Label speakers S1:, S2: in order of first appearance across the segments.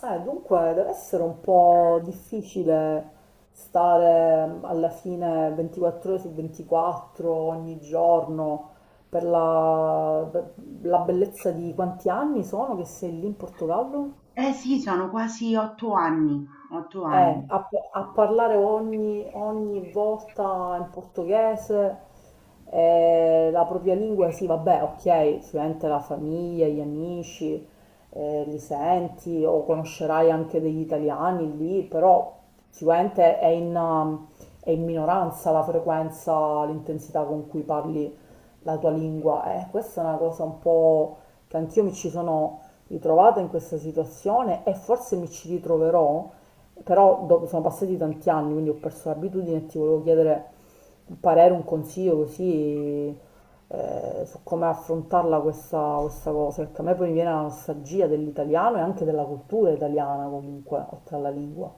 S1: Deve essere un po' difficile stare alla fine 24 ore su 24 ogni giorno per la bellezza di quanti anni sono che sei lì in Portogallo?
S2: Eh sì, sono quasi 8 anni, 8 anni.
S1: A parlare ogni volta in portoghese, la propria lingua, sì, vabbè, ok, sicuramente la famiglia, gli amici, li senti o conoscerai anche degli italiani lì, però sicuramente è in minoranza la frequenza, l'intensità con cui parli la tua lingua. Questa è una cosa un po' che anch'io mi ci sono ritrovata in questa situazione e forse mi ci ritroverò, però sono passati tanti anni, quindi ho perso l'abitudine e ti volevo chiedere un parere, un consiglio così su come affrontarla questa cosa, perché a me poi mi viene la nostalgia dell'italiano e anche della cultura italiana comunque, oltre alla lingua.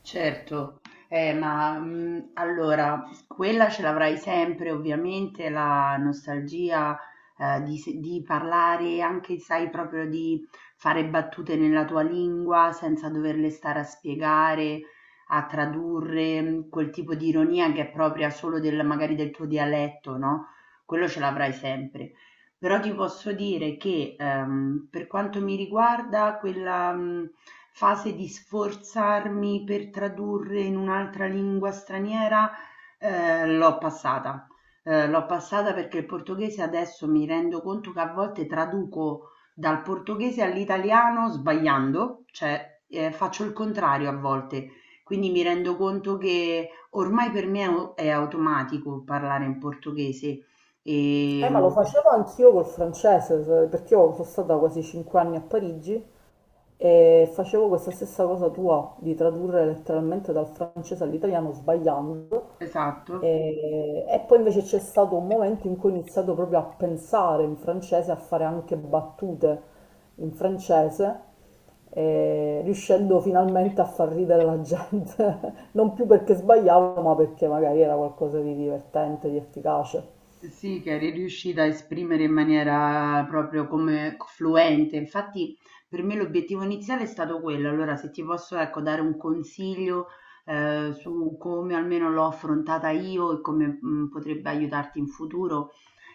S2: Certo, ma allora, quella ce l'avrai sempre, ovviamente, la nostalgia di, se- di parlare, anche sai, proprio di fare battute nella tua lingua senza doverle stare a spiegare, a tradurre, quel tipo di ironia che è propria solo del, magari del tuo dialetto, no? Quello ce l'avrai sempre. Però ti posso dire che, per quanto mi riguarda, quella, fase di sforzarmi per tradurre in un'altra lingua straniera, l'ho passata. L'ho passata perché il portoghese adesso mi rendo conto che a volte traduco dal portoghese all'italiano sbagliando, cioè, faccio il contrario a volte. Quindi mi rendo conto che ormai per me è automatico parlare in portoghese.
S1: Ma lo
S2: ehm
S1: facevo anch'io col francese, perché io sono stata quasi 5 anni a Parigi e facevo questa stessa cosa tua, di tradurre letteralmente dal francese all'italiano sbagliando.
S2: Esatto.
S1: E poi invece c'è stato un momento in cui ho iniziato proprio a pensare in francese, a fare anche battute in francese, riuscendo finalmente a far ridere la gente, non più perché sbagliavo, ma perché magari era qualcosa di divertente, di efficace.
S2: Sì, che eri riuscita a esprimere in maniera proprio come fluente. Infatti, per me l'obiettivo iniziale è stato quello. Allora, se ti posso, ecco, dare un consiglio, su come almeno l'ho affrontata io e come, potrebbe aiutarti in futuro.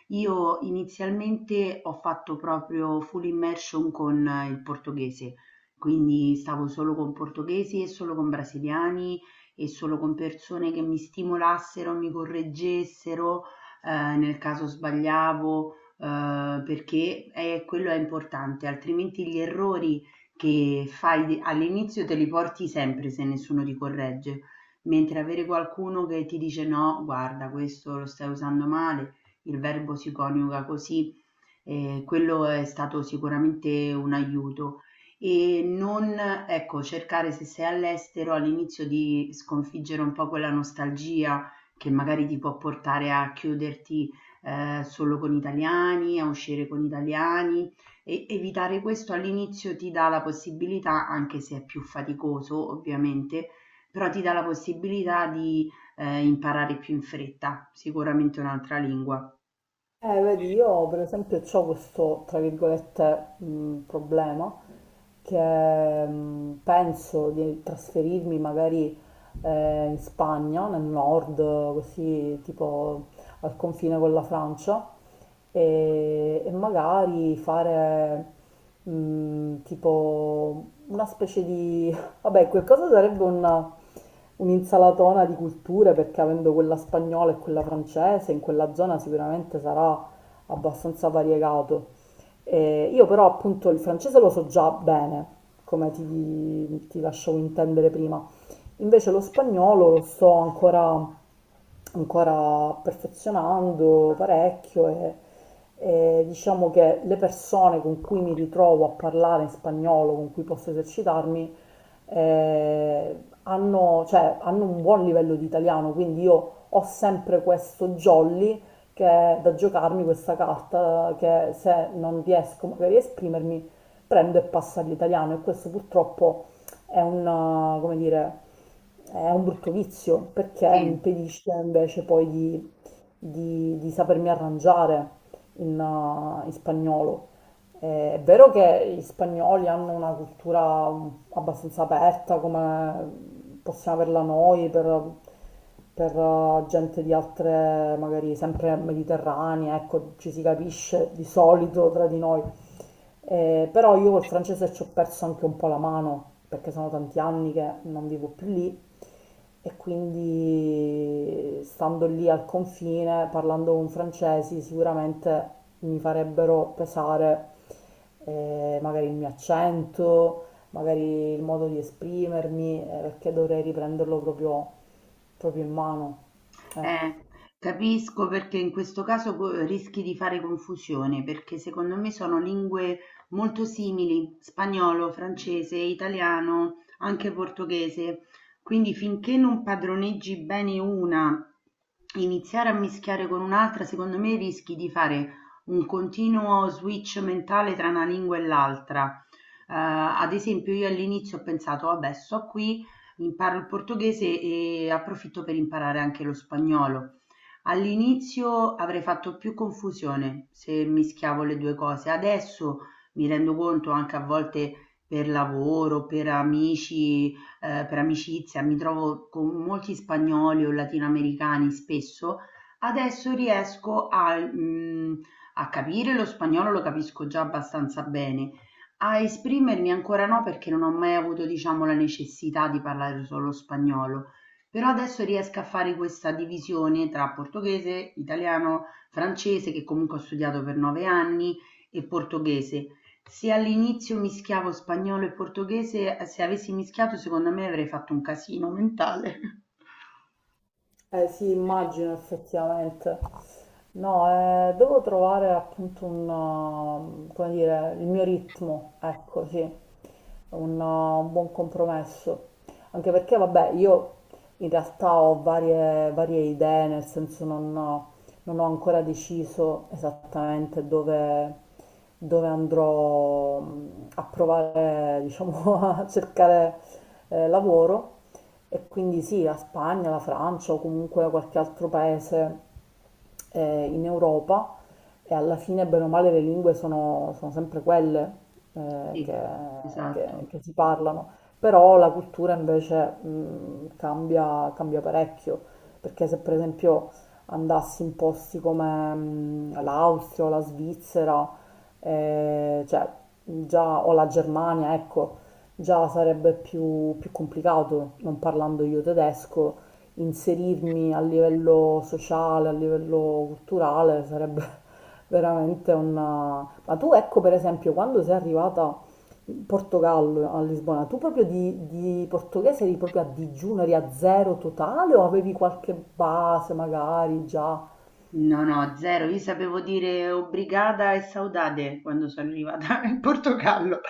S2: Io inizialmente ho fatto proprio full immersion con il portoghese, quindi stavo solo con portoghesi e solo con brasiliani e solo con persone che mi stimolassero, mi correggessero, nel caso sbagliavo, perché quello è importante, altrimenti gli errori che fai all'inizio te li porti sempre se nessuno ti corregge. Mentre avere qualcuno che ti dice no, guarda, questo lo stai usando male, il verbo si coniuga così, e quello è stato sicuramente un aiuto. E non, ecco, cercare se sei all'estero all'inizio di sconfiggere un po' quella nostalgia che magari ti può portare a chiuderti solo con italiani, a uscire con italiani e evitare questo all'inizio ti dà la possibilità, anche se è più faticoso ovviamente, però ti dà la possibilità di imparare più in fretta, sicuramente un'altra lingua.
S1: Vedi, io per esempio ho questo, tra virgolette, problema che penso di trasferirmi magari in Spagna, nel nord, così tipo al confine con la Francia, e magari fare tipo una specie di Vabbè, quel cosa sarebbe un'insalatona di culture perché avendo quella spagnola e quella francese, in quella zona sicuramente sarà abbastanza variegato. Io però appunto il francese lo so già bene, come ti lasciavo intendere prima. Invece lo spagnolo lo sto ancora perfezionando parecchio e diciamo che le persone con cui mi ritrovo a parlare in spagnolo, con cui posso esercitarmi, eh, hanno, cioè, hanno un buon livello di italiano, quindi io ho sempre questo jolly che è da giocarmi questa carta che se non riesco magari a esprimermi prendo e passo all'italiano e questo purtroppo è un, come dire, è un brutto vizio perché mi
S2: Sì,
S1: impedisce invece poi di di sapermi arrangiare in spagnolo. È vero che gli spagnoli hanno una cultura abbastanza aperta, come possiamo averla noi per, gente di altre, magari sempre mediterranee, ecco, ci si capisce di solito tra di noi. Però io col francese ci ho perso anche un po' la mano, perché sono tanti anni che non vivo più lì e quindi stando lì al confine, parlando con francesi, sicuramente mi farebbero pesare magari il mio accento, magari il modo di esprimermi, perché dovrei riprenderlo proprio in mano. Eh.
S2: eh, capisco perché in questo caso rischi di fare confusione, perché secondo me sono lingue molto simili, spagnolo, francese, italiano, anche portoghese. Quindi finché non padroneggi bene una, iniziare a mischiare con un'altra, secondo me rischi di fare un continuo switch mentale tra una lingua e l'altra. Ad esempio, io all'inizio ho pensato, vabbè, sto qui. Imparo il portoghese e approfitto per imparare anche lo spagnolo. All'inizio avrei fatto più confusione se mischiavo le 2 cose. Adesso mi rendo conto anche a volte per lavoro, per amici, per amicizia, mi trovo con molti spagnoli o latinoamericani spesso. Adesso riesco a capire, lo spagnolo lo capisco già abbastanza bene, a esprimermi ancora no perché non ho mai avuto diciamo la necessità di parlare solo spagnolo, però adesso riesco a fare questa divisione tra portoghese, italiano, francese che comunque ho studiato per 9 anni e portoghese. Se all'inizio mischiavo spagnolo e portoghese, se avessi mischiato secondo me avrei fatto un casino mentale.
S1: Eh sì, immagino effettivamente. No, devo trovare appunto un, come dire, il mio ritmo, ecco, sì, un buon compromesso. Anche perché, vabbè, io in realtà ho varie idee, nel senso non ho ancora deciso esattamente dove andrò a provare, diciamo, a cercare lavoro. E quindi sì, la Spagna, la Francia o comunque qualche altro paese in Europa e alla fine, bene o male, le lingue sono sempre quelle che,
S2: Sì, esatto.
S1: che si parlano, però la cultura invece cambia, cambia parecchio, perché se per esempio andassi in posti come l'Austria o la Svizzera, cioè già o la Germania, ecco, già sarebbe più, più complicato, non parlando io tedesco, inserirmi a livello sociale, a livello culturale, sarebbe veramente una... Ma tu ecco per esempio quando sei arrivata in Portogallo, a Lisbona, tu proprio di portoghese eri proprio a digiuno, eri a zero totale o avevi qualche base magari già?
S2: No, no, zero. Io sapevo dire obrigada e saudade quando sono arrivata in Portogallo,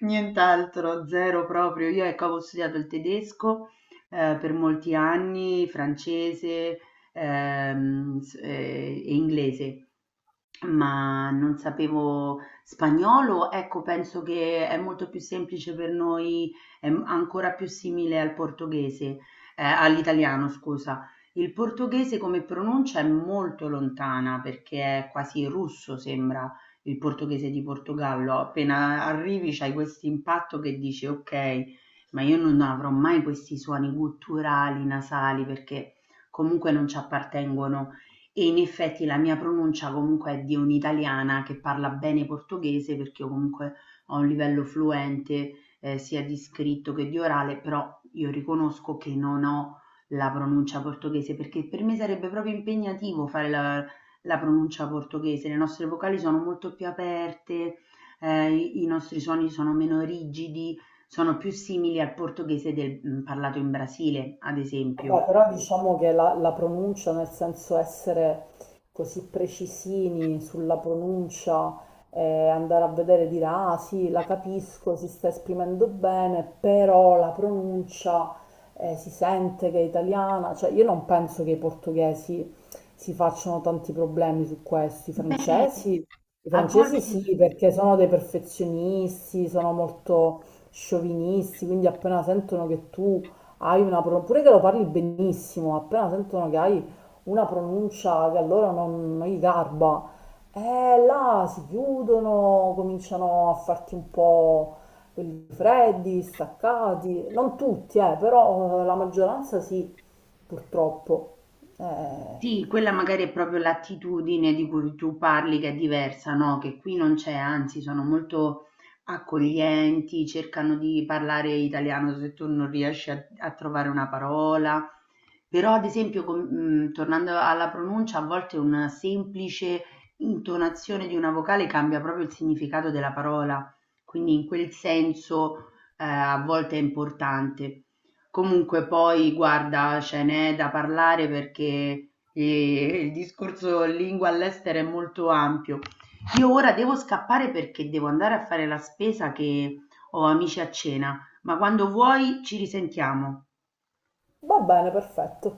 S2: nient'altro, zero proprio. Io ecco, avevo studiato il tedesco per molti anni, francese e inglese, ma non sapevo spagnolo. Ecco, penso che è molto più semplice per noi, è ancora più simile al portoghese, all'italiano, scusa, il portoghese come pronuncia è molto lontana perché è quasi russo, sembra il portoghese di Portogallo. Appena arrivi c'hai questo impatto che dici: ok, ma io non avrò mai questi suoni gutturali, nasali, perché comunque non ci appartengono. E in effetti la mia pronuncia comunque è di un'italiana che parla bene portoghese perché io comunque ho un livello fluente sia di scritto che di orale, però io riconosco che non ho la pronuncia portoghese, perché per me sarebbe proprio impegnativo fare la pronuncia portoghese. Le nostre vocali sono molto più aperte, i nostri suoni sono meno rigidi, sono più simili al portoghese del, parlato in Brasile, ad esempio.
S1: Vabbè, però diciamo che la pronuncia, nel senso essere così precisini sulla pronuncia, andare a vedere e dire ah sì, la capisco, si sta esprimendo bene, però la pronuncia si sente che è italiana. Cioè, io non penso che i portoghesi si facciano tanti problemi su questo.
S2: Beh,
S1: I
S2: a
S1: francesi
S2: volte.
S1: sì, perché sono dei perfezionisti, sono molto sciovinisti, quindi appena sentono che tu hai una pure che lo parli benissimo, appena sentono che hai una pronuncia che a loro non gli garba, là si chiudono, cominciano a farti un po' quelli freddi, staccati, non tutti, però la maggioranza sì, purtroppo. Eh,
S2: Sì, quella magari è proprio l'attitudine di cui tu parli che è diversa, no? Che qui non c'è, anzi, sono molto accoglienti, cercano di parlare italiano se tu non riesci a trovare una parola. Però, ad esempio, tornando alla pronuncia, a volte una semplice intonazione di una vocale cambia proprio il significato della parola, quindi in quel senso, a volte è importante. Comunque poi, guarda, ce n'è da parlare perché e il discorso lingua all'estero è molto ampio. Io ora devo scappare perché devo andare a fare la spesa che ho amici a cena, ma quando vuoi ci risentiamo.
S1: va bene, perfetto.